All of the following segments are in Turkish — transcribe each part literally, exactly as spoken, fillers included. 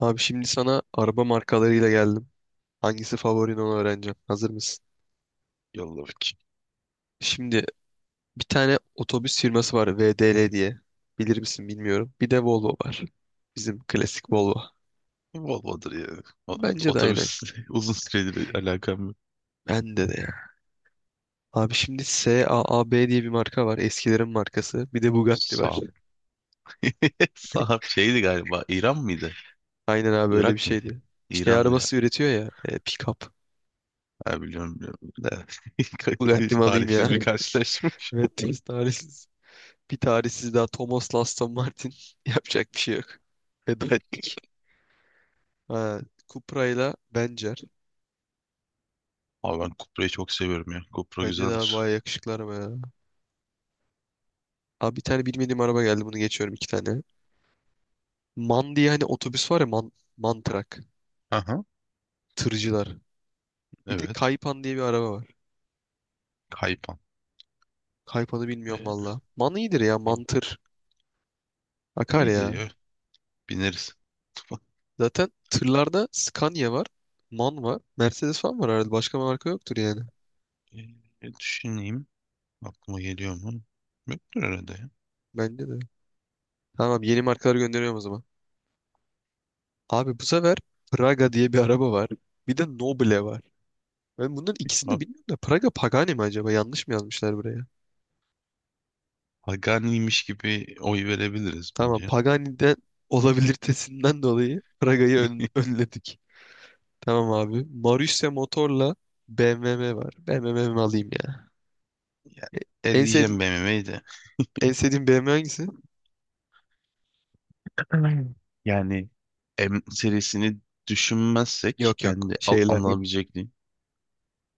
Abi şimdi sana araba markalarıyla geldim. Hangisi favorin onu öğreneceğim. Hazır mısın? Yolla bakayım. Şimdi bir tane otobüs firması var V D L diye. Bilir misin bilmiyorum. Bir de Volvo var. Bizim klasik Volvo. Volvo'dur ya. O- Bence de aynen. Otobüs uzun süredir alakam yok. Bende de ya. Abi şimdi S A A B diye bir marka var. Eskilerin markası. Bir de Bugatti var. Saab. Saab şeydi galiba. İran mıydı? Aynen abi öyle bir Irak mıydı? şeydi. Şey İranlı ya. arabası üretiyor ya. E, pick-up. Ha, biliyorum biliyorum. Da. Bugatti mi alayım ya? Talihsiz bir karşılaşma. Evet tarihsiz. Bir tarihsiz daha Thomas'la Aston Martin. Yapacak bir şey yok. Veda ettik. Ha, Cupra ile Benzer. Abi ben Cupra'yı çok seviyorum ya. Cupra Bence de abi güzeldir. bayağı yakışıklı araba ya. Abi bir tane bilmediğim araba geldi. Bunu geçiyorum iki tane. Man diye hani otobüs var ya man, man truck. Aha, Tırcılar. Bir de evet. Kaypan diye bir araba var. Kaypan. Kaypan'ı bilmiyorum E, valla. Man iyidir ya. o- Mantır. Akar iyidir ya. ya. Bineriz. Zaten tırlarda Scania var. Man var. Mercedes falan var herhalde. Başka marka yoktur yani. E, düşüneyim. Aklıma geliyor mu? Yoktur herhalde ya. Bence de. Tamam, yeni markaları gönderiyorum o zaman. Abi bu sefer Praga diye bir araba var. Bir de Noble var. Ben bunların ikisini Ha, de bilmiyorum da Praga Pagani mi acaba? Yanlış mı yazmışlar buraya? Pagani'ymiş gibi oy verebiliriz Tamam, bence. Pagani'den olabilitesinden dolayı Praga'yı ön- önledik. Tamam abi. Marussia Motor'la B M W var. B M W mi alayım ya? Ya, E, En, sev eleyeceğim B M W'yi de. en sevdiğin B M W hangisi? Yani M serisini düşünmezsek Yok yok kendi al şeyler. alınabilecekliği.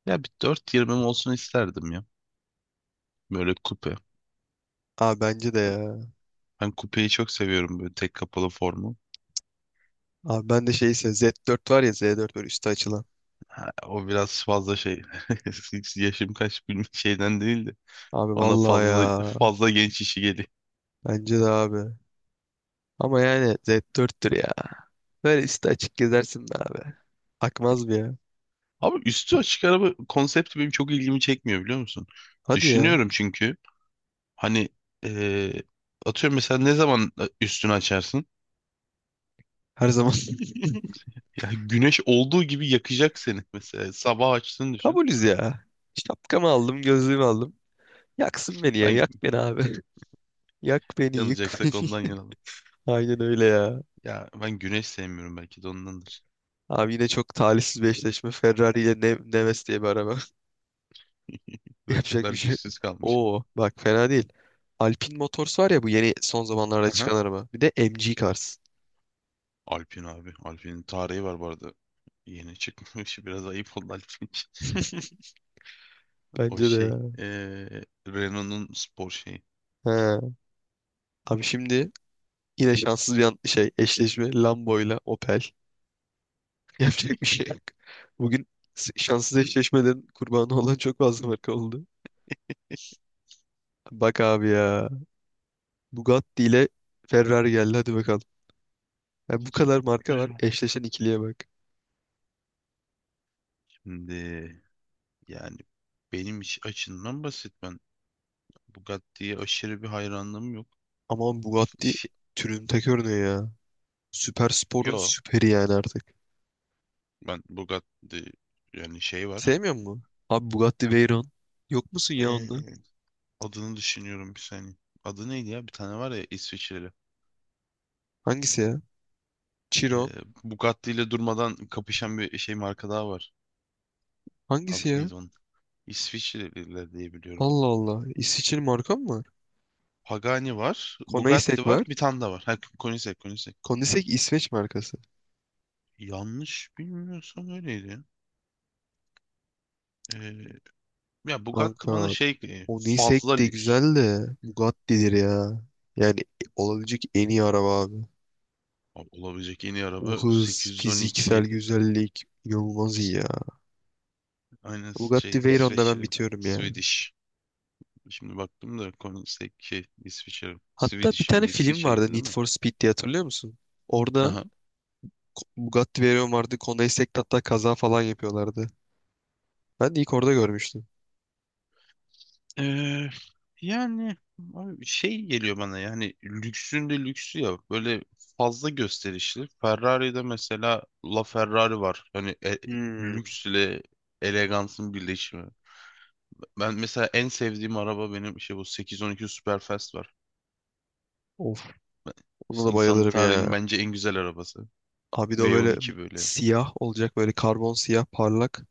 Ya bir dört yüz yirmi olsun isterdim ya. Böyle kupe. Abi bence de ya. Ben kupeyi çok seviyorum böyle tek kapalı formu. Abi ben de şeyse Z dört var ya, Z dört böyle üstü açılan. Ha, o biraz fazla şey. Yaşım kaç bilmem şeyden değil de. Abi Bana vallahi ya. fazla fazla genç işi geliyor. Bence de abi. Ama yani Z dörttür ya. Böyle üstü açık gezersin be abi. Akmaz bir ya. Abi üstü açık araba konsepti benim çok ilgimi çekmiyor biliyor musun? Hadi ya. Düşünüyorum çünkü hani eee, atıyorum mesela ne zaman e, üstünü açarsın? Her zaman Ya güneş olduğu gibi yakacak seni mesela. Sabah açtığını düşün. kabulüz ya. Şapkamı aldım, gözlüğümü aldım. Yaksın beni ya, Ben yak beni abi. Yak beni, yık yanacaksak beni. ondan yanalım. Aynen öyle ya. Ya ben güneş sevmiyorum belki de ondandır. Abi yine çok talihsiz bir eşleşme. Ferrari ile Ne- Neves diye bir araba. Yapacak bir Rakipler şey yok. güçsüz kalmış ya. Oo, bak fena değil. Alpine Motors var ya, bu yeni son zamanlarda Aha. çıkan araba. Bir de M G Cars. Alpin abi. Alpin'in tarihi var bu arada. Yeni çıkmış. Biraz ayıp oldu Alpin için. O Bence de şey. ya. eee Renault'un spor şeyi. He. Abi şimdi yine şanssız bir an- şey eşleşme, Lambo ile Opel. Yapacak bir şey yok. Bugün s- şanssız eşleşmelerin kurbanı olan çok fazla marka oldu. Bak abi ya. Bugatti ile Ferrari geldi, hadi bakalım. Ya bu kadar marka var. Evet. Eşleşen ikiliye bak. Şimdi yani benim iş açımdan basit. Ben Bugatti'ye aşırı bir hayranlığım yok. Aman Bugatti Şey, türünün tek örneği ya. Süper sporun yo süperi yani artık. ben Bugatti yani şey var. Sevmiyor musun? Abi Bugatti Veyron. Yok musun ya onda? Adını düşünüyorum bir saniye. Adı neydi ya? Bir tane var ya İsviçreli. Hangisi ya? Ee, Chiron. Bugatti ile durmadan kapışan bir şey marka daha var. Hangisi Adı ya? neydi onun? İsviçreliler diye biliyorum. Allah Allah. İsviçre'nin marka mı var? Pagani var, Koenigsegg Bugatti var, var. bir tane daha var. Ha, Koenigsegg, Koenigsegg. Koenigsegg İsveç markası. Yanlış bilmiyorsam öyleydi. Ya. Ee, ya Bugatti Kanka, bana şey e, Koenigsegg fazla de lüks. güzel de Bugatti'dir ya. Yani olabilecek en iyi araba abi. Abi, olabilecek en iyi O araba hız, fiziksel sekiz yüz on iki. güzellik inanılmaz iyi ya. Aynen Bugatti şey Veyron'da ben İsveçli. bitiyorum ya. Swedish. Şimdi baktım da Koenigsegg şey İsviçre, Hatta bir Swedish tane yani film vardı, İsviçre'ydi değil Need mi? for Speed diye, hatırlıyor musun? Orada Aha. Ko- Bugatti Veyron vardı. Honda Essaec'te hatta kaza falan yapıyorlardı. Ben de ilk orada görmüştüm. Ee, yani abi şey geliyor bana yani lüksün de lüksü ya böyle fazla gösterişli. Ferrari'de mesela LaFerrari var. Hani e, Hmm. lüks elegansın birleşimi. Ben mesela en sevdiğim araba benim şey bu sekiz yüz on iki Superfast var. Of, ona da İnsanlık bayılırım tarihinin ya. bence en güzel arabası. Abi de o böyle V on iki böyle. siyah olacak, böyle karbon siyah, parlak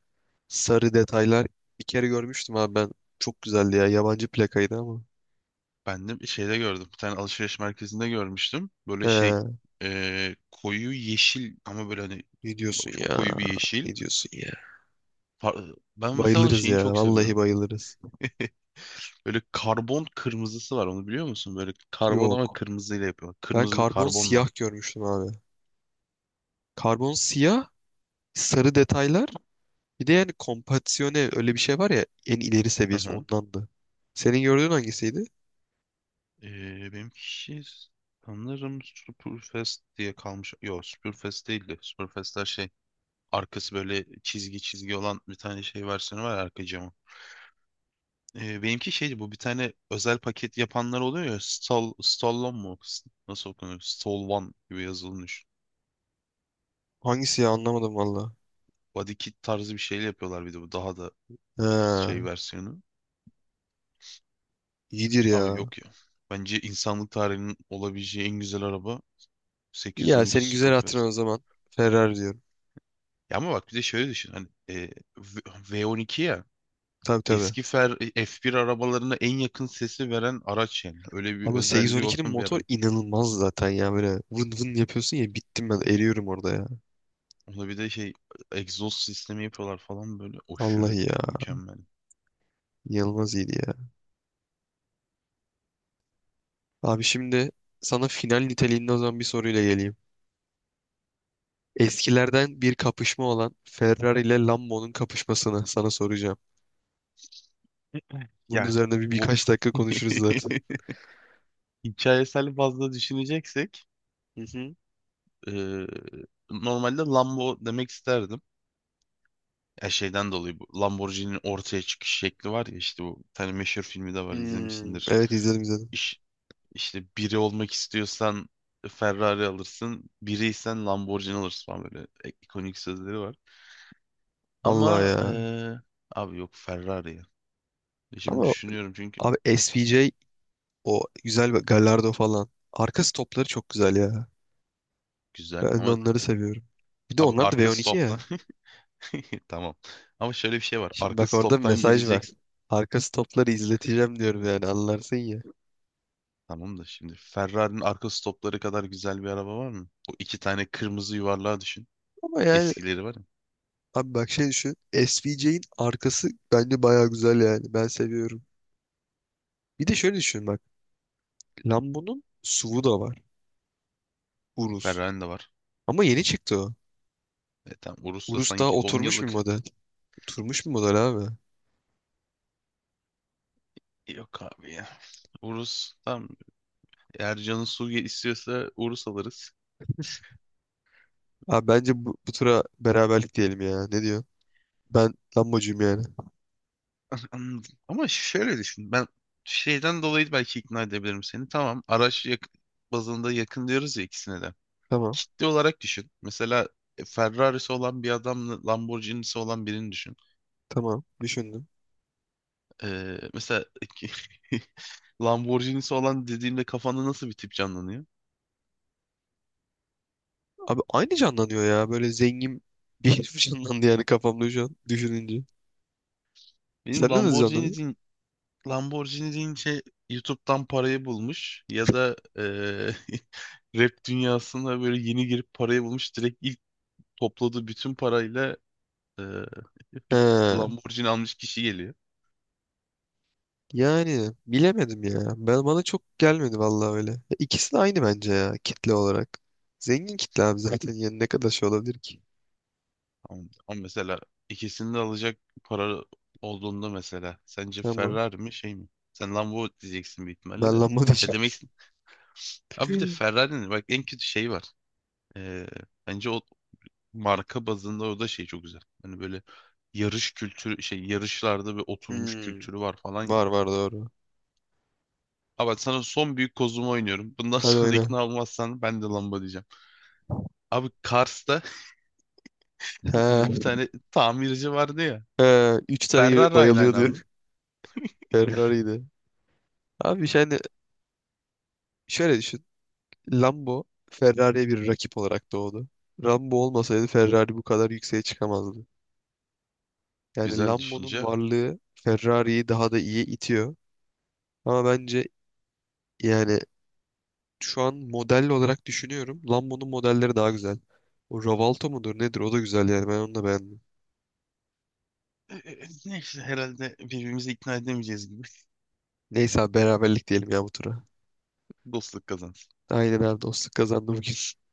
sarı detaylar. Bir kere görmüştüm abi ben. Çok güzeldi ya. Yabancı plakaydı ama. Ben de bir şeyde gördüm. Bir tane alışveriş merkezinde görmüştüm. Böyle şey He, eee, koyu yeşil ama böyle hani ne diyorsun çok ya? koyu bir yeşil. Ne diyorsun ya? Par- Ben mesela onun Bayılırız şeyini ya. çok Vallahi seviyorum. bayılırız. Böyle karbon kırmızısı var onu biliyor musun? Böyle karbon ama Yok. kırmızıyla yapıyor. Ben Kırmızı bir karbon karbonla. siyah görmüştüm abi. Karbon siyah, sarı detaylar. Bir de yani kompansiyone öyle bir şey var ya, en ileri Hı seviyesi hı. ondandı. Senin gördüğün hangisiydi? Eee benimki sanırım Superfest diye kalmış. Yok Superfest değildi. Superfest'ler şey arkası böyle çizgi çizgi olan bir tane şey versiyonu var ya, arka camı. E, benimki şeydi bu bir tane özel paket yapanlar oluyor ya Stall, Stallone mu? Nasıl okunuyor? Stallone gibi yazılmış. Hangisi ya, anlamadım valla. Body kit tarzı bir şeyle yapıyorlar bir de bu daha da üf, şey Ha, versiyonu. iyidir Abi ya. yok ya. Bence insanlık tarihinin olabileceği en güzel araba İyi ya, sekiz yüz on iki senin güzel hatırın Superfast. o zaman. Ferrari diyorum. Ya ama bak bir de şöyle düşün hani e, V- V12 ya Tabii tabii. eski Fer- F bir arabalarına en yakın sesi veren araç yani. Öyle bir Abi ama özelliği sekiz yüz on ikinin olan bir motor araba. inanılmaz zaten ya, böyle vın vın yapıyorsun ya, bittim ben, eriyorum orada ya. Orada bir de şey egzoz sistemi yapıyorlar falan böyle aşırı Vallahi ya, mükemmel. inanılmaz iyiydi ya. Abi şimdi sana final niteliğinde o zaman bir soruyla geleyim. Eskilerden bir kapışma olan Ferrari ile Lambo'nun kapışmasını sana soracağım. Bunun Yani üzerine bir bu birkaç dakika konuşuruz zaten. hikayesel fazla düşüneceksek Hı hı. eee, normalde Lambo demek isterdim. Ya şeyden dolayı bu Lamborghini'nin ortaya çıkış şekli var ya işte bu bir tane meşhur filmi de var Hmm, izlemişsindir. evet, izledim izledim. İş, işte biri olmak istiyorsan Ferrari alırsın, biriysen Lamborghini alırsın falan böyle e, ikonik sözleri var. Vallahi Ama ya. eee, abi yok Ferrari ya. Şimdi Ama düşünüyorum çünkü abi S V J, o güzel bir Gallardo falan. Arka stopları çok güzel ya. güzel. Ben de Ama onları seviyorum. Bir de abi onlar da arka V on iki stoptan ya. tamam. Ama şöyle bir şey var. Şimdi Arka bak, orada bir stoptan mesaj var. gireceksin. Arka stopları izleteceğim diyorum yani, anlarsın ya. Tamam da şimdi Ferrari'nin arka stopları kadar güzel bir araba var mı? O iki tane kırmızı yuvarlağı düşün. Ama yani Eskileri var ya. abi bak, şey düşün. S V J'in arkası bence baya güzel yani. Ben seviyorum. Bir de şöyle düşün bak. Lambo'nun S U V'u da var. Urus. Ferrari'nin de var. Ama yeni çıktı o. E tamam Urus da Urus daha sanki on oturmuş bir yıllık. model. Oturmuş bir model abi. Yok abi ya. Urus tam Ercan'ın su istiyorsa Urus alırız. Abi bence bu, bu, tura beraberlik diyelim ya. Ne diyor? Ben Lambocuyum yani. Anladım. Ama şöyle düşün. Ben şeyden dolayı belki ikna edebilirim seni. Tamam araç yak- bazında yakın diyoruz ya ikisine de. Tamam. Kitle olarak düşün. Mesela e, Ferrari'si olan bir adamla Lamborghini'si olan birini düşün. Tamam. Düşündüm. Ee, mesela Lamborghini'si olan dediğimde kafanda nasıl bir tip canlanıyor? Abi aynı canlanıyor ya. Böyle zengin bir herif canlandı yani kafamda şu an düşününce. Benim Senden hızlı Lamborghini anladın. deyin- Lamborghini deyince YouTube'dan parayı bulmuş ya da eee, rap dünyasına böyle yeni girip parayı bulmuş direkt ilk topladığı bütün parayla eee, He, Lamborghini almış kişi geliyor. yani bilemedim ya. Ben bana çok gelmedi vallahi öyle. Ya, İkisi de aynı bence ya, kitle olarak. Zengin kitle abi zaten yani, ne kadar şey olabilir ki? Ama ama mesela ikisini de alacak para olduğunda mesela sence Tamam. Ferrari mi şey mi? Sen Lambo diyeceksin büyük ihtimalle Ben de. lamba Ya diyeceğim. demeksin. Abi bir de Ferrari'nin bak en kötü şey var. Ee, bence o marka bazında o da şey çok güzel. Hani böyle yarış kültürü şey yarışlarda bir oturmuş Hmm, kültürü var falan ya. var var, doğru. Abi bak sana son büyük kozumu oynuyorum. Bundan Hadi sonra da oyna. ikna olmazsan ben de Lambo diyeceğim. Abi Kars'ta bir He, tane tamirci vardı ya. he, üç tane yere Ferrari aynı aynı bayılıyordu. abi. Ferrari'ydi. Abi yani şöyle düşün. Lambo Ferrari'ye bir rakip olarak doğdu. Lambo olmasaydı Ferrari bu kadar yükseğe çıkamazdı. Yani Güzel Lambo'nun düşünce. varlığı Ferrari'yi daha da iyi itiyor. Ama bence yani şu an model olarak düşünüyorum. Lambo'nun modelleri daha güzel. O Ravalto mudur nedir, o da güzel yani, ben onu da beğendim. E, e, e, Neyse herhalde birbirimizi ikna edemeyeceğiz gibi. Neyse abi, beraberlik diyelim ya bu tura. Dostluk kazandı. Aynen abi, dostluk kazandı bugün.